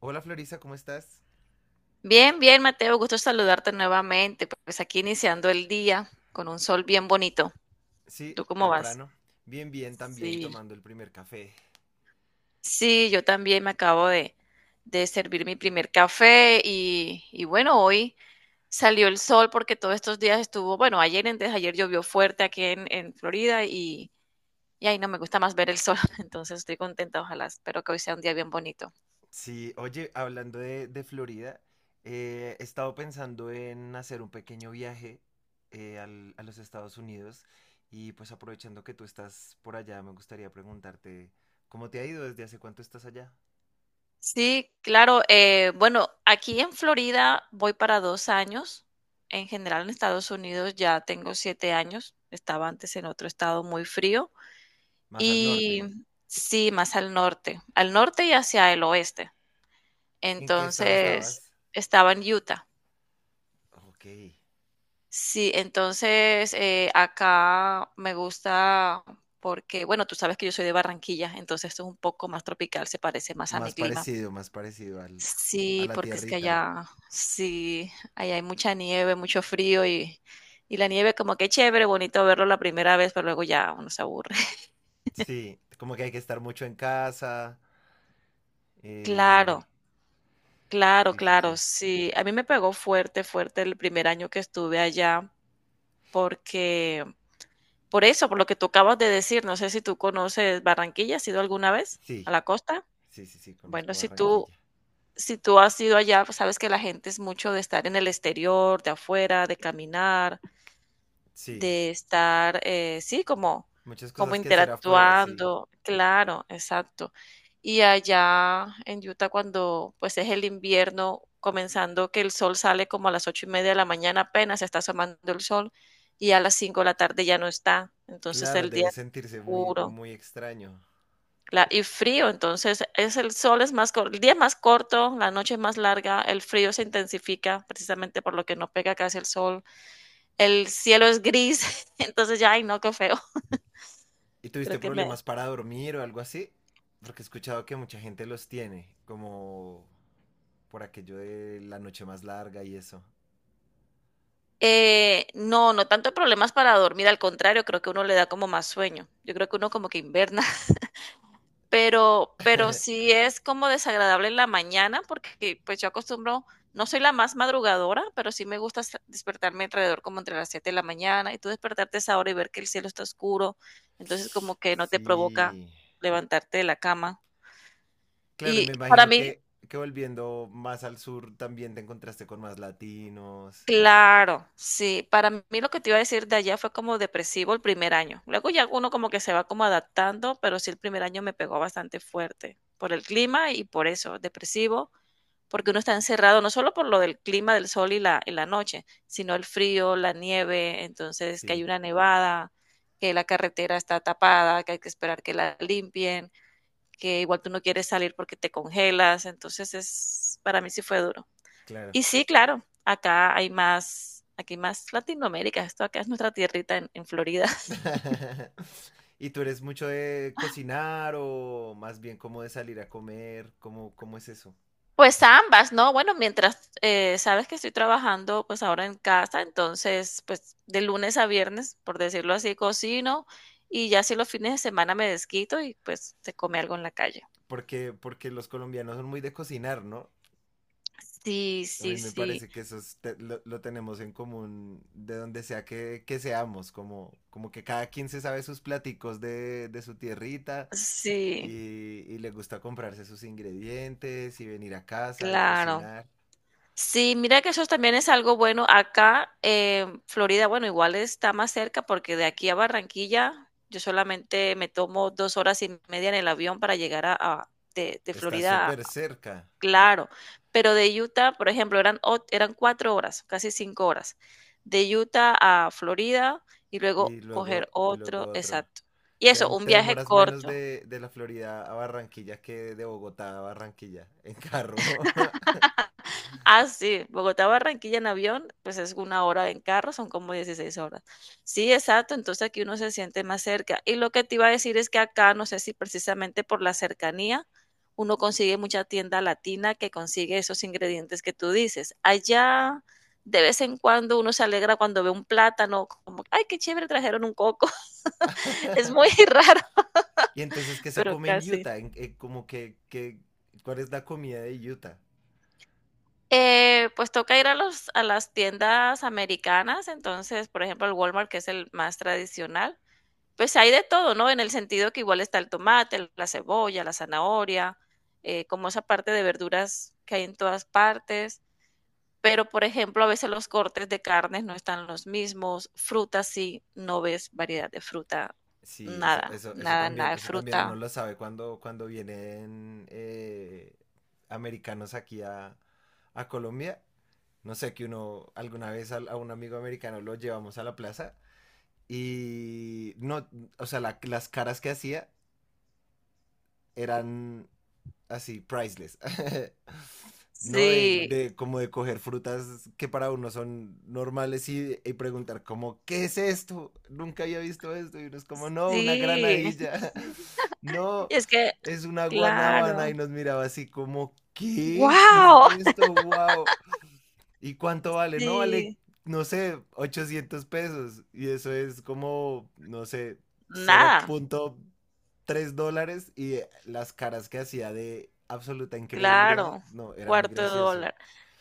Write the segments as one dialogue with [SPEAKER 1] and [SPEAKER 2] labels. [SPEAKER 1] Hola Florisa, ¿cómo estás?
[SPEAKER 2] Bien, bien, Mateo, gusto saludarte nuevamente. Pues aquí iniciando el día con un sol bien bonito.
[SPEAKER 1] Sí,
[SPEAKER 2] ¿Tú cómo vas?
[SPEAKER 1] temprano. Bien, bien, también
[SPEAKER 2] Sí,
[SPEAKER 1] tomando el primer café.
[SPEAKER 2] sí, yo también me acabo de servir mi primer café y bueno, hoy salió el sol porque todos estos días estuvo, bueno, ayer, antes de ayer llovió fuerte aquí en Florida y ahí no me gusta más ver el sol, entonces estoy contenta, ojalá, espero que hoy sea un día bien bonito.
[SPEAKER 1] Sí, oye, hablando de Florida, he estado pensando en hacer un pequeño viaje, a los Estados Unidos y pues aprovechando que tú estás por allá, me gustaría preguntarte, ¿cómo te ha ido? ¿Desde hace cuánto estás allá?
[SPEAKER 2] Sí, claro. Bueno, aquí en Florida voy para 2 años. En general, en Estados Unidos ya tengo 7 años. Estaba antes en otro estado muy frío.
[SPEAKER 1] Más al
[SPEAKER 2] Y
[SPEAKER 1] norte.
[SPEAKER 2] sí, más al norte y hacia el oeste.
[SPEAKER 1] ¿En qué estado
[SPEAKER 2] Entonces,
[SPEAKER 1] estabas?
[SPEAKER 2] estaba en Utah.
[SPEAKER 1] Ok.
[SPEAKER 2] Sí, entonces acá me gusta porque, bueno, tú sabes que yo soy de Barranquilla, entonces esto es un poco más tropical, se parece más a mi
[SPEAKER 1] Más
[SPEAKER 2] clima.
[SPEAKER 1] parecido, a
[SPEAKER 2] Sí,
[SPEAKER 1] la
[SPEAKER 2] porque es que
[SPEAKER 1] tierrita.
[SPEAKER 2] allá, sí, allá hay mucha nieve, mucho frío y la nieve como que chévere, bonito verlo la primera vez, pero luego ya uno se aburre.
[SPEAKER 1] Sí, como que hay que estar mucho en casa. Eh,
[SPEAKER 2] Claro, claro,
[SPEAKER 1] sí, sí,
[SPEAKER 2] claro,
[SPEAKER 1] sí.
[SPEAKER 2] sí. A mí me pegó fuerte, fuerte el primer año que estuve allá porque, por eso, por lo que tú acabas de decir, no sé si tú conoces Barranquilla, ¿has ido alguna vez a
[SPEAKER 1] Sí,
[SPEAKER 2] la costa?
[SPEAKER 1] sí, sí, sí,
[SPEAKER 2] Bueno,
[SPEAKER 1] conozco
[SPEAKER 2] si tú,
[SPEAKER 1] Barranquilla.
[SPEAKER 2] si tú has ido allá, pues sabes que la gente es mucho de estar en el exterior, de afuera, de caminar.
[SPEAKER 1] Sí,
[SPEAKER 2] De estar, sí, como,
[SPEAKER 1] muchas
[SPEAKER 2] como
[SPEAKER 1] cosas que hacer afuera, sí.
[SPEAKER 2] interactuando, claro, exacto. Y allá en Utah, cuando pues es el invierno, comenzando que el sol sale como a las 8:30 de la mañana, apenas está asomando el sol, y a las 5 de la tarde ya no está. Entonces
[SPEAKER 1] Claro,
[SPEAKER 2] el día
[SPEAKER 1] debe
[SPEAKER 2] es
[SPEAKER 1] sentirse muy,
[SPEAKER 2] oscuro
[SPEAKER 1] muy extraño.
[SPEAKER 2] y frío. Entonces es el sol es más corto, el día es más corto, la noche es más larga, el frío se intensifica precisamente por lo que no pega casi el sol, el cielo es gris. Entonces ya, ay no, qué feo.
[SPEAKER 1] ¿Y tuviste
[SPEAKER 2] Creo que me...
[SPEAKER 1] problemas para dormir o algo así? Porque he escuchado que mucha gente los tiene, como por aquello de la noche más larga y eso.
[SPEAKER 2] No, no tanto problemas para dormir, al contrario, creo que uno le da como más sueño. Yo creo que uno como que inverna. Pero sí es como desagradable en la mañana porque pues yo acostumbro, no soy la más madrugadora, pero sí me gusta despertarme alrededor como entre las 7 de la mañana y tú despertarte a esa hora y ver que el cielo está oscuro, entonces como que no te provoca
[SPEAKER 1] Sí.
[SPEAKER 2] levantarte de la cama.
[SPEAKER 1] Claro, y
[SPEAKER 2] Y
[SPEAKER 1] me
[SPEAKER 2] para
[SPEAKER 1] imagino
[SPEAKER 2] mí,
[SPEAKER 1] que volviendo más al sur también te encontraste con más latinos.
[SPEAKER 2] claro, sí. Para mí lo que te iba a decir de allá fue como depresivo el primer año. Luego ya uno como que se va como adaptando, pero sí el primer año me pegó bastante fuerte por el clima y por eso, depresivo, porque uno está encerrado, no solo por lo del clima del sol y la noche, sino el frío, la nieve, entonces que hay
[SPEAKER 1] Sí,
[SPEAKER 2] una nevada, que la carretera está tapada, que hay que esperar que la limpien, que igual tú no quieres salir porque te congelas, entonces para mí sí fue duro.
[SPEAKER 1] claro.
[SPEAKER 2] Y sí, claro, acá hay más, aquí más Latinoamérica, esto acá es nuestra tierrita en Florida.
[SPEAKER 1] ¿Y tú eres mucho de cocinar o más bien como de salir a comer? ¿Cómo, cómo es eso?
[SPEAKER 2] Pues ambas, ¿no? Bueno, mientras sabes que estoy trabajando pues ahora en casa, entonces pues de lunes a viernes, por decirlo así, cocino y ya si los fines de semana me desquito y pues se come algo en la calle.
[SPEAKER 1] Porque los colombianos son muy de cocinar, ¿no?
[SPEAKER 2] Sí,
[SPEAKER 1] A mí
[SPEAKER 2] sí,
[SPEAKER 1] me
[SPEAKER 2] sí,
[SPEAKER 1] parece que eso es lo tenemos en común de donde sea que seamos, como, como que cada quien se sabe sus platicos de su tierrita
[SPEAKER 2] sí,
[SPEAKER 1] y le gusta comprarse sus ingredientes y venir a casa y
[SPEAKER 2] claro.
[SPEAKER 1] cocinar.
[SPEAKER 2] Sí, mira que eso también es algo bueno. Acá, en Florida, bueno, igual está más cerca porque de aquí a Barranquilla yo solamente me tomo 2 horas y media en el avión para llegar de
[SPEAKER 1] Está
[SPEAKER 2] Florida a.
[SPEAKER 1] súper cerca.
[SPEAKER 2] Claro. Pero de Utah, por ejemplo, eran 4 horas, casi 5 horas. De Utah a Florida y luego coger
[SPEAKER 1] Y luego
[SPEAKER 2] otro,
[SPEAKER 1] otro.
[SPEAKER 2] exacto. Y
[SPEAKER 1] Te,
[SPEAKER 2] eso, un
[SPEAKER 1] te
[SPEAKER 2] viaje
[SPEAKER 1] demoras menos
[SPEAKER 2] corto.
[SPEAKER 1] de la Florida a Barranquilla que de Bogotá a Barranquilla en carro.
[SPEAKER 2] Ah, sí, Bogotá Barranquilla en avión, pues es 1 hora; en carro, son como 16 horas. Sí, exacto, entonces aquí uno se siente más cerca. Y lo que te iba a decir es que acá, no sé si precisamente por la cercanía, uno consigue mucha tienda latina que consigue esos ingredientes que tú dices. Allá, de vez en cuando, uno se alegra cuando ve un plátano, como, ay, qué chévere, trajeron un coco. Es muy raro,
[SPEAKER 1] Y entonces, ¿qué se
[SPEAKER 2] pero
[SPEAKER 1] come en
[SPEAKER 2] casi.
[SPEAKER 1] Utah? En como que, ¿cuál es la comida de Utah?
[SPEAKER 2] Pues toca ir a las tiendas americanas, entonces, por ejemplo, el Walmart, que es el más tradicional, pues hay de todo, ¿no? En el sentido que igual está el tomate, la cebolla, la zanahoria, como esa parte de verduras que hay en todas partes, pero por ejemplo, a veces los cortes de carnes no están los mismos, frutas sí, no ves variedad de fruta,
[SPEAKER 1] Sí, eso,
[SPEAKER 2] nada,
[SPEAKER 1] eso,
[SPEAKER 2] nada, nada de
[SPEAKER 1] eso también uno
[SPEAKER 2] fruta.
[SPEAKER 1] lo sabe cuando, cuando vienen americanos aquí a Colombia. No sé, que uno alguna vez un amigo americano lo llevamos a la plaza y no, o sea, las caras que hacía eran así, priceless. ¿No?
[SPEAKER 2] Sí,
[SPEAKER 1] De como de coger frutas que para uno son normales y preguntar como, ¿qué es esto? Nunca había visto esto. Y uno es como, no, una
[SPEAKER 2] sí,
[SPEAKER 1] granadilla. No,
[SPEAKER 2] es que,
[SPEAKER 1] es una guanábana.
[SPEAKER 2] claro,
[SPEAKER 1] Y nos miraba así como, ¿qué? ¿Qué es
[SPEAKER 2] wow,
[SPEAKER 1] esto? ¡Wow! ¿Y cuánto vale? No vale,
[SPEAKER 2] sí.
[SPEAKER 1] no sé, 800 pesos. Y eso es como, no sé, cero
[SPEAKER 2] Nada,
[SPEAKER 1] punto tres dólares. Y las caras que hacía de absoluta incredulidad,
[SPEAKER 2] claro,
[SPEAKER 1] no, era muy
[SPEAKER 2] cuarto de
[SPEAKER 1] gracioso.
[SPEAKER 2] dólar.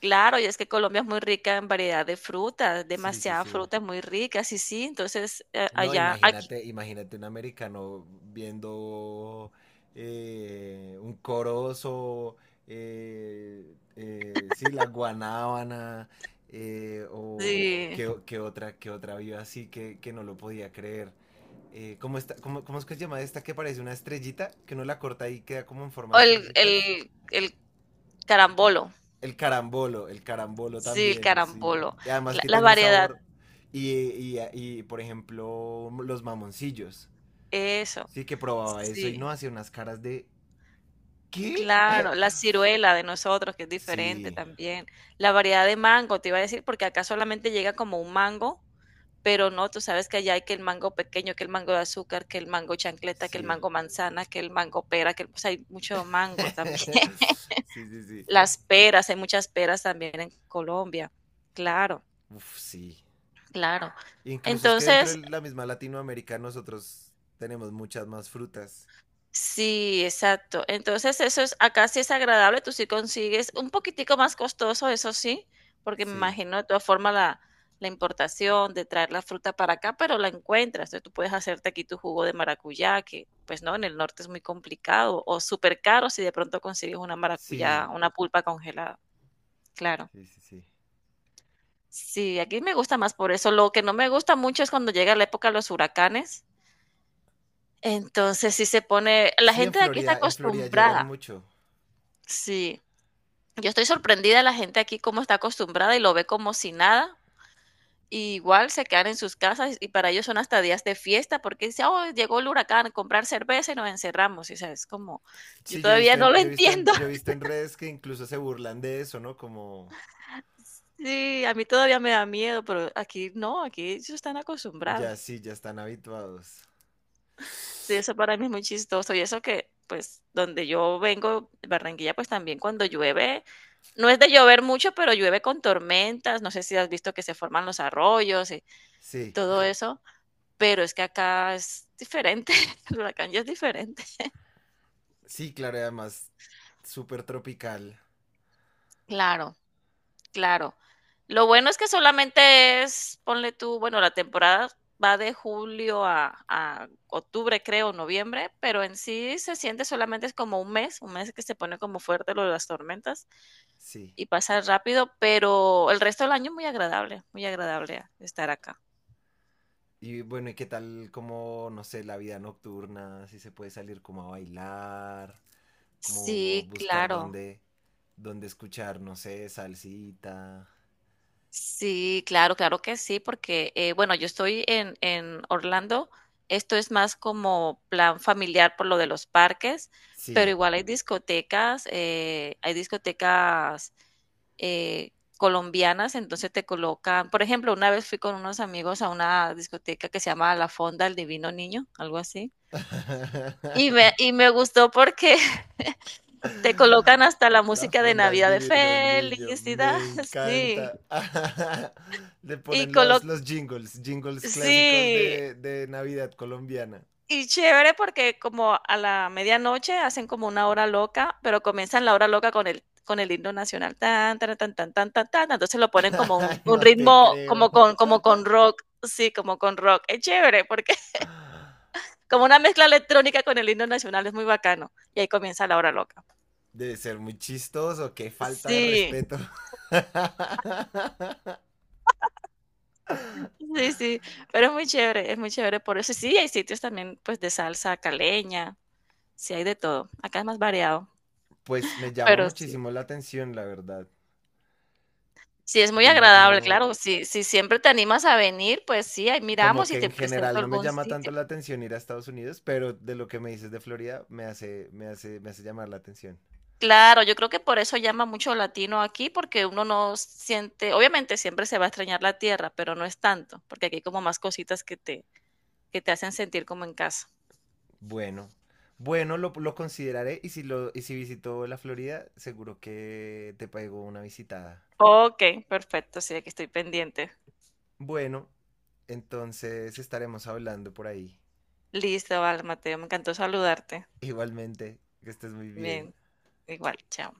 [SPEAKER 2] Claro, y es que Colombia es muy rica en variedad de frutas,
[SPEAKER 1] Sí, sí,
[SPEAKER 2] demasiadas
[SPEAKER 1] sí.
[SPEAKER 2] frutas muy ricas, y sí, entonces
[SPEAKER 1] No,
[SPEAKER 2] allá, aquí,
[SPEAKER 1] imagínate, imagínate un americano viendo un corozo, sí, la guanábana,
[SPEAKER 2] sí.
[SPEAKER 1] qué otra vio así que no lo podía creer. ¿ cómo es que se llama esta que parece una estrellita? Que uno la corta y queda como en forma
[SPEAKER 2] O
[SPEAKER 1] de
[SPEAKER 2] el,
[SPEAKER 1] estrellitas.
[SPEAKER 2] el, el carambolo,
[SPEAKER 1] El carambolo
[SPEAKER 2] sí, el
[SPEAKER 1] también, sí.
[SPEAKER 2] carambolo,
[SPEAKER 1] Y además que
[SPEAKER 2] la
[SPEAKER 1] tiene un
[SPEAKER 2] variedad,
[SPEAKER 1] sabor. Y por ejemplo, los mamoncillos.
[SPEAKER 2] eso,
[SPEAKER 1] Sí, que probaba eso y
[SPEAKER 2] sí,
[SPEAKER 1] no hacía unas caras de ¿qué?
[SPEAKER 2] claro, la ciruela de nosotros, que es diferente
[SPEAKER 1] Sí,
[SPEAKER 2] también, la variedad de mango, te iba a decir, porque acá solamente llega como un mango. Pero no, tú sabes que allá hay que el mango pequeño, que el mango de azúcar, que el mango chancleta, que el
[SPEAKER 1] sí.
[SPEAKER 2] mango manzana, que el mango pera, que pues hay mucho mango también.
[SPEAKER 1] Sí, sí, sí.
[SPEAKER 2] Las peras, hay muchas peras también en Colombia. Claro,
[SPEAKER 1] Uf, sí.
[SPEAKER 2] claro.
[SPEAKER 1] Incluso es que dentro de
[SPEAKER 2] Entonces,
[SPEAKER 1] la misma Latinoamérica nosotros tenemos muchas más frutas.
[SPEAKER 2] sí, exacto. Entonces, eso es acá sí es agradable, tú sí consigues un poquitico más costoso, eso sí, porque me
[SPEAKER 1] Sí,
[SPEAKER 2] imagino de todas formas la importación de traer la fruta para acá, pero la encuentras. Entonces, tú puedes hacerte aquí tu jugo de maracuyá, que pues no, en el norte es muy complicado o súper caro si de pronto consigues una maracuyá,
[SPEAKER 1] sí,
[SPEAKER 2] una pulpa congelada. Claro.
[SPEAKER 1] sí, sí, sí.
[SPEAKER 2] Sí, aquí me gusta más por eso. Lo que no me gusta mucho es cuando llega la época de los huracanes. Entonces, sí se pone, la
[SPEAKER 1] Sí,
[SPEAKER 2] gente de aquí está
[SPEAKER 1] En Florida llegan
[SPEAKER 2] acostumbrada.
[SPEAKER 1] mucho.
[SPEAKER 2] Sí, yo estoy sorprendida de la gente aquí cómo está acostumbrada y lo ve como si nada. Y igual se quedan en sus casas y para ellos son hasta días de fiesta porque dice, oh, llegó el huracán a comprar cerveza y nos encerramos. Y, o sea, es como, yo
[SPEAKER 1] Sí, yo he
[SPEAKER 2] todavía
[SPEAKER 1] visto
[SPEAKER 2] no
[SPEAKER 1] en,
[SPEAKER 2] lo entiendo.
[SPEAKER 1] yo he visto en redes que incluso se burlan de eso, ¿no? Como
[SPEAKER 2] Sí, a mí todavía me da miedo, pero aquí no, aquí ellos están
[SPEAKER 1] ya
[SPEAKER 2] acostumbrados.
[SPEAKER 1] sí, ya están habituados.
[SPEAKER 2] Sí, eso para mí es muy chistoso. Y eso que, pues, donde yo vengo, Barranquilla, pues también cuando llueve, no es de llover mucho, pero llueve con tormentas. No sé si has visto que se forman los arroyos y
[SPEAKER 1] Sí,
[SPEAKER 2] todo eso. Pero es que acá es diferente, el huracán ya es diferente.
[SPEAKER 1] sí, claro, y además súper tropical.
[SPEAKER 2] Claro, claro. Lo bueno es que solamente es, ponle tú, bueno, la temporada va de julio a octubre, creo, noviembre, pero en sí se siente solamente es como un mes que se pone como fuerte lo de las tormentas
[SPEAKER 1] Sí.
[SPEAKER 2] y pasa rápido, pero el resto del año muy agradable estar acá.
[SPEAKER 1] Y bueno, ¿y qué tal como, no sé, la vida nocturna? Si se puede salir como a bailar, como
[SPEAKER 2] Sí,
[SPEAKER 1] buscar
[SPEAKER 2] claro.
[SPEAKER 1] dónde, dónde escuchar, no sé, salsita.
[SPEAKER 2] Sí, claro, claro que sí, porque, bueno, yo estoy en Orlando, esto es más como plan familiar por lo de los parques, pero
[SPEAKER 1] Sí.
[SPEAKER 2] igual hay discotecas, eh, colombianas, entonces te colocan, por ejemplo, una vez fui con unos amigos a una discoteca que se llama La Fonda del Divino Niño, algo así, y me gustó porque te colocan hasta la
[SPEAKER 1] La
[SPEAKER 2] música de
[SPEAKER 1] fonda del
[SPEAKER 2] Navidad de
[SPEAKER 1] divino niño,
[SPEAKER 2] felicidad.
[SPEAKER 1] me
[SPEAKER 2] Sí,
[SPEAKER 1] encanta. Le
[SPEAKER 2] y
[SPEAKER 1] ponen
[SPEAKER 2] colo
[SPEAKER 1] los jingles, jingles clásicos
[SPEAKER 2] sí,
[SPEAKER 1] de Navidad colombiana.
[SPEAKER 2] y chévere porque como a la medianoche hacen como una hora loca, pero comienzan la hora loca con el himno nacional, tan, tan, tan, tan, tan, tan, tan, entonces lo ponen como un, un
[SPEAKER 1] No te
[SPEAKER 2] ritmo,
[SPEAKER 1] creo.
[SPEAKER 2] como con rock, sí, como con rock, es chévere, porque como una mezcla electrónica con el himno nacional, es muy bacano, y ahí comienza la hora loca.
[SPEAKER 1] Debe ser muy chistoso, qué falta de
[SPEAKER 2] Sí,
[SPEAKER 1] respeto.
[SPEAKER 2] sí, sí, pero es muy chévere por eso, sí, hay sitios también, pues, de salsa caleña, sí hay de todo, acá es más variado,
[SPEAKER 1] Pues me llama
[SPEAKER 2] pero sí.
[SPEAKER 1] muchísimo la atención, la verdad.
[SPEAKER 2] Sí, es muy
[SPEAKER 1] Yo no,
[SPEAKER 2] agradable,
[SPEAKER 1] no,
[SPEAKER 2] claro. Si siempre te animas a venir, pues sí, ahí
[SPEAKER 1] como
[SPEAKER 2] miramos
[SPEAKER 1] que
[SPEAKER 2] y
[SPEAKER 1] en
[SPEAKER 2] te presento
[SPEAKER 1] general no me
[SPEAKER 2] algún
[SPEAKER 1] llama tanto
[SPEAKER 2] sitio.
[SPEAKER 1] la atención ir a Estados Unidos, pero de lo que me dices de Florida me hace, me hace llamar la atención.
[SPEAKER 2] Claro, yo creo que por eso llama mucho latino aquí, porque uno no siente obviamente siempre se va a extrañar la tierra, pero no es tanto, porque aquí hay como más cositas que te hacen sentir como en casa.
[SPEAKER 1] Bueno, lo consideraré y si lo, y si visito la Florida, seguro que te pego una visitada.
[SPEAKER 2] Okey, perfecto, sí, aquí estoy pendiente.
[SPEAKER 1] Bueno, entonces estaremos hablando por ahí.
[SPEAKER 2] Listo, vale, Mateo, me encantó saludarte.
[SPEAKER 1] Igualmente, que estés muy bien.
[SPEAKER 2] Bien, igual, chao.